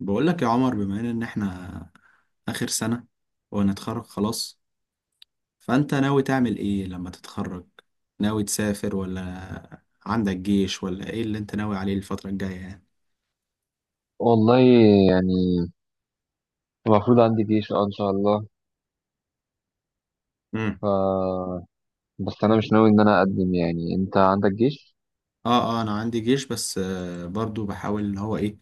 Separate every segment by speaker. Speaker 1: بقول لك يا عمر، بما ان احنا اخر سنة ونتخرج خلاص. فانت ناوي تعمل ايه لما تتخرج؟ ناوي تسافر ولا عندك جيش ولا ايه اللي انت ناوي عليه الفترة الجاية يعني.
Speaker 2: والله يعني المفروض عندي جيش، اه، ان شاء الله.
Speaker 1: امم
Speaker 2: ف بس انا مش ناوي ان انا اقدم. يعني انت عندك جيش.
Speaker 1: اه، اه، انا عندي جيش. بس برضو بحاول اللي هو ايه،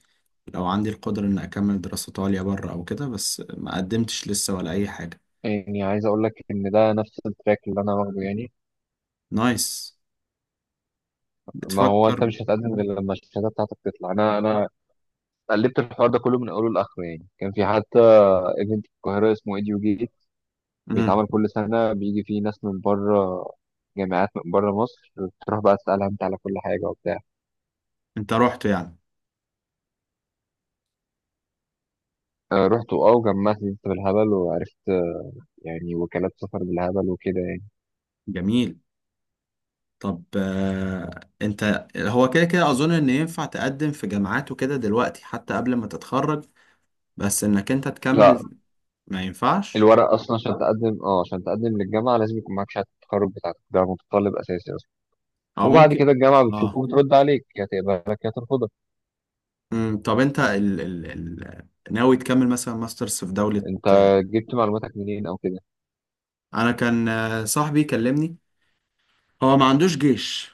Speaker 1: لو عندي القدرة ان اكمل دراسات عليا بره او كده، بس ما قدمتش لسه ولا اي حاجة.
Speaker 2: يعني عايز اقول لك ان ده نفس التراك اللي انا واخده يعني.
Speaker 1: نايس.
Speaker 2: ما هو انت
Speaker 1: بتفكر.
Speaker 2: مش هتقدم غير لما الشهاده بتاعتك تطلع. انا قلبت الحوار ده كله من اوله لاخره. يعني كان في حتى ايفنت في القاهره اسمه ايديو جيت،
Speaker 1: امم
Speaker 2: بيتعمل كل سنه، بيجي فيه ناس من بره، جامعات من بره مصر، تروح بقى تسالها انت على كل حاجه وبتاع.
Speaker 1: انت رحت يعني؟
Speaker 2: رحت، وجمعت لي بالهبل وعرفت، يعني وكالات سفر بالهبل وكده يعني.
Speaker 1: جميل. طب انت هو كده كده اظن ان ينفع تقدم في جامعات وكده دلوقتي حتى قبل ما تتخرج، بس انك انت
Speaker 2: لا،
Speaker 1: تكمل. ما ينفعش؟
Speaker 2: الورق اصلا عشان تقدم للجامعه لازم يكون معاك شهاده التخرج بتاعتك. ده متطلب اساسي اصلا.
Speaker 1: او
Speaker 2: وبعد
Speaker 1: ممكن.
Speaker 2: كده الجامعه بتشوفه
Speaker 1: اه.
Speaker 2: وبترد عليك، يا تقبلك يا ترفضك.
Speaker 1: طب انت ناوي تكمل مثلا ماسترز في دولة
Speaker 2: انت
Speaker 1: آه،
Speaker 2: جبت معلوماتك منين او كده؟
Speaker 1: انا كان صاحبي كلمني، هو ما عندوش جيش،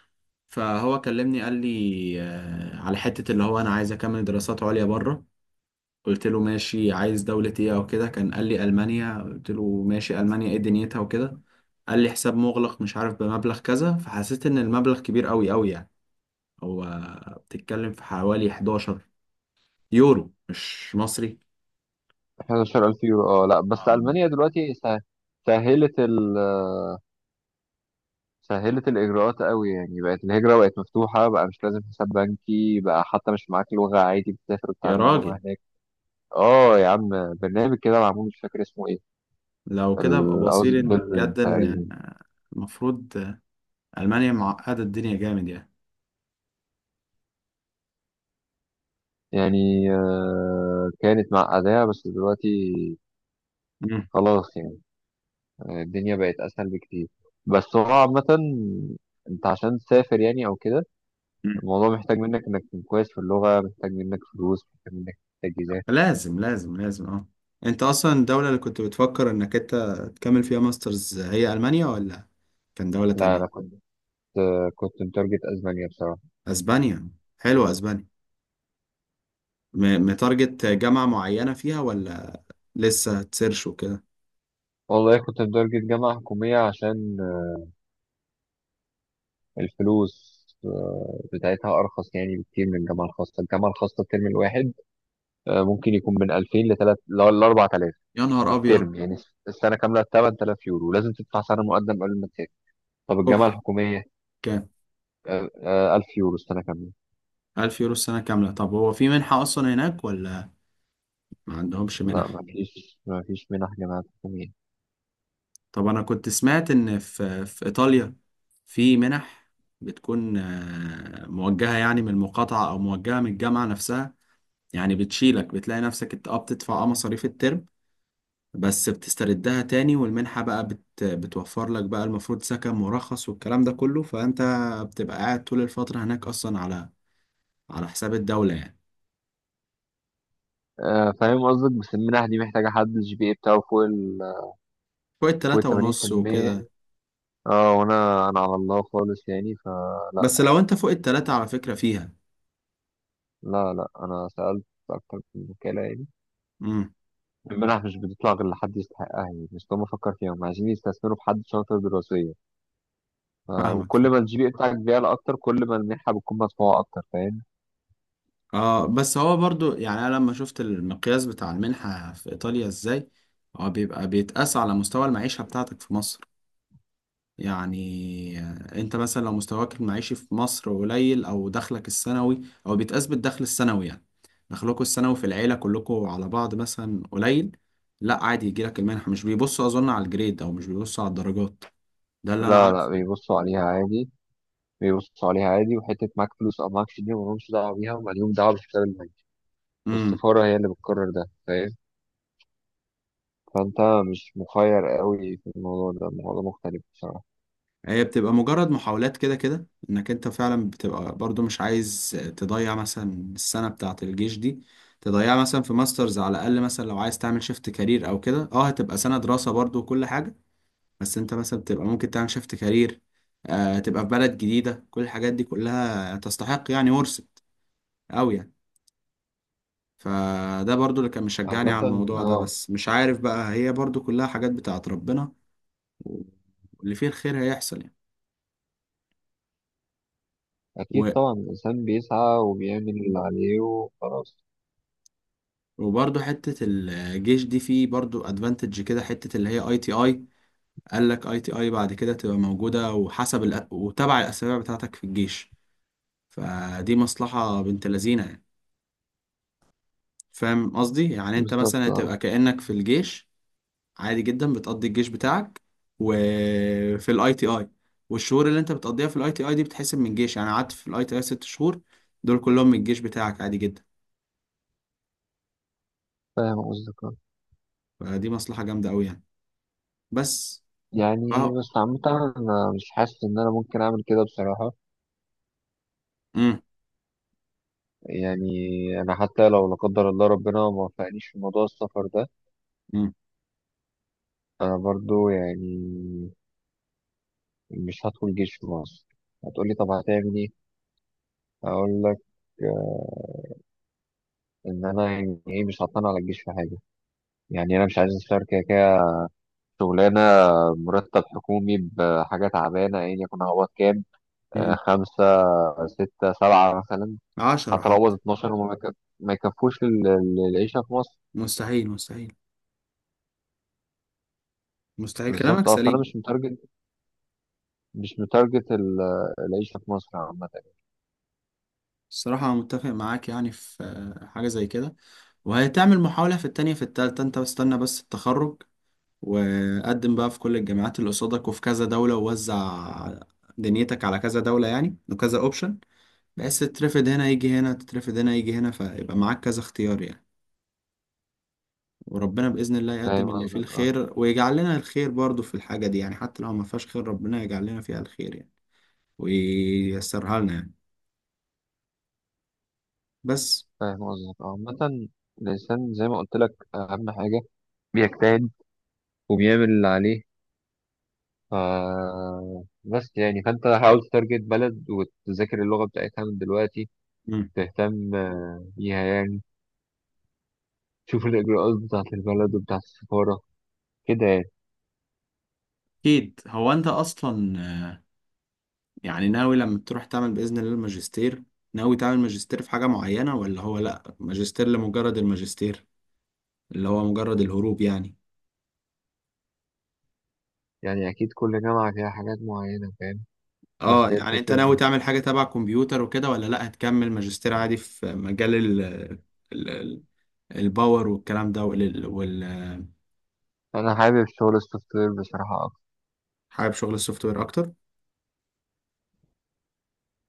Speaker 1: فهو كلمني قال لي على حتة اللي هو انا عايز اكمل دراسات عليا بره. قلت له ماشي، عايز دولة ايه او كده؟ كان قال لي ألمانيا. قلت له ماشي، ألمانيا ايه دنيتها وكده؟ قال لي حساب مغلق مش عارف بمبلغ كذا، فحسيت ان المبلغ كبير قوي قوي يعني. هو بتتكلم في حوالي 11 يورو، مش مصري.
Speaker 2: 11000 يورو؟ اه، لا، بس
Speaker 1: أم،
Speaker 2: المانيا دلوقتي سهلت ال سهلت الاجراءات قوي. يعني بقت الهجره، بقت مفتوحه، بقى مش لازم حساب بنكي، بقى حتى مش معاك لغه، عادي بتسافر
Speaker 1: يا
Speaker 2: وتتعلم اللغه
Speaker 1: راجل،
Speaker 2: هناك. اه يا عم. برنامج كده معمول، مش فاكر اسمه ايه،
Speaker 1: لو كده ابقى
Speaker 2: الاوز
Speaker 1: بصير ان بجد ان
Speaker 2: تقريبا.
Speaker 1: المفروض. ألمانيا معقدة الدنيا جامد يعني.
Speaker 2: يعني كانت معقدة بس دلوقتي
Speaker 1: مم.
Speaker 2: خلاص يعني. الدنيا بقت أسهل بكتير. بس هو عامة، أنت عشان تسافر يعني أو كده،
Speaker 1: مم.
Speaker 2: الموضوع محتاج منك إنك تكون كويس في اللغة، محتاج منك فلوس، محتاج منك تجهيزات.
Speaker 1: لازم لازم لازم. اه، انت اصلا الدولة اللي كنت بتفكر انك انت تكمل فيها ماسترز هي ألمانيا، ولا كان دولة
Speaker 2: لا، أنا
Speaker 1: تانية؟
Speaker 2: كنت متارجت أسبانيا بصراحة.
Speaker 1: اسبانيا، حلوة اسبانيا. متارجت جامعة معينة فيها ولا لسه تسيرش وكده؟
Speaker 2: والله كنت متارجت جامعة حكومية عشان، الفلوس بتاعتها أرخص يعني بكتير من الجامعة الخاصة. الجامعة الخاصة الترم الواحد ممكن يكون من 2000 لتلات لأربعة آلاف،
Speaker 1: يا نهار ابيض.
Speaker 2: الترم يعني. السنة كاملة 8000 يورو، لازم تدفع سنة مقدم قبل ما تسافر. طب الجامعة
Speaker 1: اوف.
Speaker 2: الحكومية،
Speaker 1: كام؟
Speaker 2: 1000 يورو السنة كاملة.
Speaker 1: ألف يورو السنة كاملة؟ طب هو في منحة أصلا هناك ولا ما عندهمش
Speaker 2: لا،
Speaker 1: منح؟
Speaker 2: ما فيش منح جامعات حكومية.
Speaker 1: طب أنا كنت سمعت إن في في إيطاليا في منح، بتكون موجهة يعني من المقاطعة أو موجهة من الجامعة نفسها، يعني بتشيلك. بتلاقي نفسك أنت بتدفع مصاريف الترم، بس بتستردها تاني، والمنحة بقى بتوفر لك بقى المفروض سكن مرخص والكلام ده كله. فأنت بتبقى قاعد طول الفترة هناك أصلا على على حساب الدولة يعني.
Speaker 2: فاهم قصدك. بس المنح دي محتاجة حد الجي بي اي بتاعه فوق ال
Speaker 1: فوق
Speaker 2: فوق ال
Speaker 1: التلاتة ونص وكده؟
Speaker 2: 80%. اه، وانا على الله خالص يعني، فلا.
Speaker 1: بس لو أنت فوق التلاتة على فكرة فيها.
Speaker 2: لا، لا، انا سألت أكتر من وكالة يعني.
Speaker 1: امم
Speaker 2: المنح مش بتطلع غير لحد يستحقها يعني. مش هم فكر فيها، هم عايزين يستثمروا في حد شاطر دراسيا.
Speaker 1: فاهمك،
Speaker 2: وكل
Speaker 1: فاهم.
Speaker 2: ما الجي بي اي بتاعك بيعلى أكتر، كل ما المنحة بتكون مدفوعة أكتر، فاهم؟
Speaker 1: اه، بس هو برضو يعني أنا لما شفت المقياس بتاع المنحة في إيطاليا إزاي، هو بيبقى بيتقاس على مستوى المعيشة بتاعتك في مصر. يعني انت مثلا لو مستواك المعيشي في مصر قليل، او دخلك السنوي، او بيتقاس بالدخل السنوي يعني، دخلكوا السنوي في العيلة كلكم على بعض مثلا قليل، لا عادي يجيلك المنحة. مش بيبصوا اظن على الجريد، او مش بيبصوا على الدرجات، ده اللي انا
Speaker 2: لا، لا،
Speaker 1: عارفه.
Speaker 2: بيبصوا عليها عادي. بيبصوا عليها عادي. وحتة معاك فلوس أو معاكش دي ملهمش دعوة بيها، وماليهم دعوة بالحساب البنكي.
Speaker 1: امم.
Speaker 2: والسفارة هي اللي بتقرر ده، فاهم؟ فأنت مش مخير قوي في الموضوع ده. الموضوع مختلف بصراحة.
Speaker 1: هي بتبقى مجرد محاولات كده كده، انك انت فعلا بتبقى برضو مش عايز تضيع مثلا السنة بتاعة الجيش دي، تضيعها مثلا في ماسترز على الاقل. مثلا لو عايز تعمل شيفت كارير او كده، اه هتبقى سنة دراسة برضو وكل حاجة، بس انت مثلا بتبقى ممكن تعمل شيفت كارير، آه تبقى في بلد جديدة، كل الحاجات دي كلها تستحق يعني ورثت أوي يعني. فده برضو اللي كان مشجعني
Speaker 2: عامة،
Speaker 1: على الموضوع ده،
Speaker 2: اه.
Speaker 1: بس مش عارف بقى، هي برضو كلها حاجات بتاعت ربنا، واللي فيه الخير هيحصل يعني.
Speaker 2: أكيد
Speaker 1: و-
Speaker 2: طبعا، الإنسان بيسعى وبيعمل اللي عليه وخلاص.
Speaker 1: وبرضو حتة الجيش دي فيه برضو ادفانتج كده، حتة اللي هي اي تي اي، قال لك اي تي اي بعد كده تبقى موجودة، وحسب وتبع الأسابيع بتاعتك في الجيش. فدي مصلحة بنت لذينة يعني. فاهم قصدي؟ يعني انت مثلا
Speaker 2: بالظبط، اه.
Speaker 1: هتبقى كأنك في الجيش عادي جدا، بتقضي الجيش بتاعك وفي الاي تي اي، والشهور اللي انت بتقضيها في الاي تي اي دي بتحسب من الجيش. يعني قعدت في الاي تي اي ست شهور، دول كلهم من الجيش بتاعك عادي جدا.
Speaker 2: فاهم قصدك، آه.
Speaker 1: فدي مصلحة جامدة قوي يعني. بس ف
Speaker 2: يعني بس عامة، أنا مش حاسس إن أنا ممكن أعمل كده بصراحة.
Speaker 1: امم
Speaker 2: يعني، أنا حتى لو لا قدر الله ربنا ما وفقنيش في موضوع السفر ده،
Speaker 1: امم
Speaker 2: انا برضو يعني مش هدخل جيش في مصر. هتقولي طب هتعمل ايه؟ اقول لك، آه، ان انا، يعني ايه، مش هطلع على الجيش في حاجه. يعني انا مش عايز اشتغل، كده كده شغلانه مرتب حكومي بحاجه تعبانه، ايا يكن هقبض كام؟
Speaker 1: امم
Speaker 2: خمسه، سته، سبعه مثلا.
Speaker 1: عشرة
Speaker 2: حتى لو هقبض
Speaker 1: حتى.
Speaker 2: 12 ما يكفوش العيشه في مصر.
Speaker 1: مستحيل، مستحيل، مستحيل،
Speaker 2: بالظبط،
Speaker 1: كلامك
Speaker 2: اه. فانا
Speaker 1: سليم.
Speaker 2: مش متارجت مش متارجت ال- العيشه في مصر عامه.
Speaker 1: الصراحة أنا متفق معاك يعني في حاجة زي كده. وهتعمل محاولة في التانية، في التالتة، أنت بستنى بس التخرج، وقدم بقى في كل الجامعات اللي قصادك، وفي كذا دولة، ووزع دنيتك على كذا دولة يعني، وكذا اوبشن، بحيث تترفض هنا يجي هنا، تترفض هنا يجي هنا، فيبقى معاك كذا اختيار يعني. وربنا بإذن الله يقدم
Speaker 2: فاهم
Speaker 1: اللي فيه
Speaker 2: قصدك، اه.
Speaker 1: الخير، ويجعل لنا الخير برضو في الحاجة دي يعني، حتى لو ما فيهاش خير، ربنا يجعل لنا فيها الخير يعني، وييسرها لنا يعني. بس.
Speaker 2: فاهم قصدك، اه. عامه، الانسان زي ما قلت لك، اهم حاجه بيجتهد وبيعمل اللي عليه. ف بس يعني، فانت حاول تتارجت بلد وتذاكر اللغة بتاعتها من دلوقتي.
Speaker 1: مم.
Speaker 2: تهتم بيها يعني. تشوف الإجراءات بتاعة البلد وبتاعة السفارة كده يعني.
Speaker 1: أكيد. هو أنت أصلا يعني ناوي لما تروح تعمل بإذن الله الماجستير، ناوي تعمل ماجستير في حاجة معينة، ولا هو لأ، ماجستير لمجرد الماجستير، اللي هو مجرد الهروب يعني؟
Speaker 2: يعني أكيد كل جامعة فيها حاجات معينة، فاهم؟ بس
Speaker 1: اه،
Speaker 2: هي
Speaker 1: يعني انت ناوي
Speaker 2: الفكرة،
Speaker 1: تعمل حاجة تبع كمبيوتر وكده، ولا لا هتكمل ماجستير عادي في مجال ال ال- الباور والكلام ده
Speaker 2: أنا حابب شغل السوفت وير بصراحة أكتر.
Speaker 1: حابب شغل السوفت وير اكتر.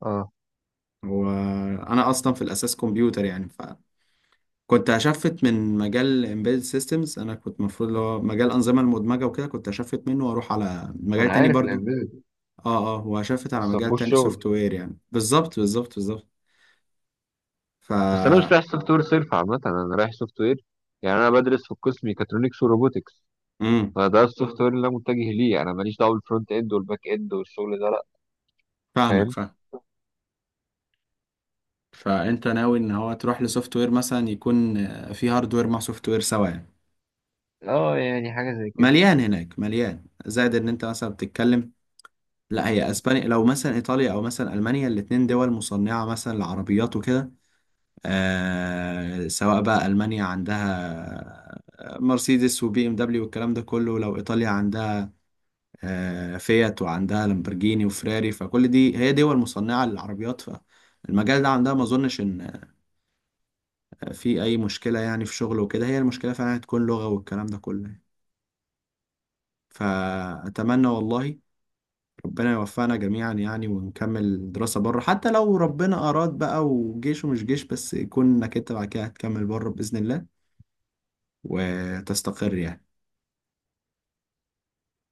Speaker 2: أه.
Speaker 1: وانا اصلا في الاساس كمبيوتر يعني، فكنت هشفت من مجال embedded systems، انا كنت المفروض اللي هو مجال الانظمة المدمجة وكده كنت هشفت منه واروح على مجال
Speaker 2: أنا
Speaker 1: تاني
Speaker 2: عارف
Speaker 1: برضو.
Speaker 2: الإمبيدد.
Speaker 1: اه، اه، وهشفت على
Speaker 2: بس
Speaker 1: مجال
Speaker 2: مفهوش
Speaker 1: تاني سوفت
Speaker 2: شغل.
Speaker 1: وير يعني، بالظبط بالظبط بالظبط. ف
Speaker 2: بس أنا مش رايح سوفت وير صرف. عامة أنا رايح سوفت وير، يعني أنا بدرس في القسم ميكاترونكس وروبوتكس،
Speaker 1: امم
Speaker 2: فده السوفت وير اللي أنا متجه ليه. أنا ماليش دعوة بالفرونت إند والباك إند والشغل ده، لأ.
Speaker 1: فاهمك،
Speaker 2: فاهم.
Speaker 1: فاهمك. فانت ناوي ان هو تروح لسوفت وير، مثلا يكون في هاردوير مع سوفت وير سوا يعني.
Speaker 2: اه، يعني حاجة زي كده.
Speaker 1: مليان هناك، مليان، زائد ان انت مثلا بتتكلم، لا هي اسبانيا، لو مثلا ايطاليا او مثلا المانيا، الاتنين دول مصنعه مثلا لعربيات وكده. سواء بقى المانيا عندها مرسيدس وبي ام دبليو والكلام ده كله، لو ايطاليا عندها فيات وعندها لامبرجيني وفراري، فكل دي هي دول مصنعه للعربيات. فالمجال ده عندها ما اظنش ان في اي مشكله يعني في شغل وكده. هي المشكله فعلا هتكون لغه والكلام ده كله يعني. فاتمنى والله ربنا يوفقنا جميعا يعني، ونكمل دراسه بره، حتى لو ربنا اراد بقى وجيش ومش جيش، بس يكون انك انت بعد كده هتكمل بره باذن الله وتستقر يعني.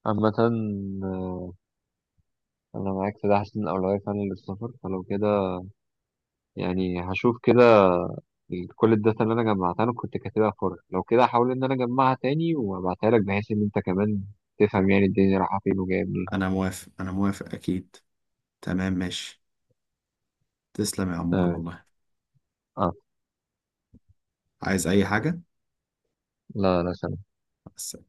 Speaker 2: عامة أنا معاك في ده. حاسس إن الأولوية فعلا للسفر. فلو كده يعني هشوف كده كل الداتا اللي أنا جمعتها. أنا كنت كاتبها في ورق. لو كده هحاول إن أنا أجمعها تاني وأبعتها لك، بحيث إن أنت كمان تفهم يعني الدنيا رايحة فين وجاية منين.
Speaker 1: انا موافق، انا موافق، اكيد. تمام، ماشي. تسلم يا عمور
Speaker 2: آه.
Speaker 1: والله.
Speaker 2: آه.
Speaker 1: عايز اي حاجه؟
Speaker 2: لا، لا.
Speaker 1: بس.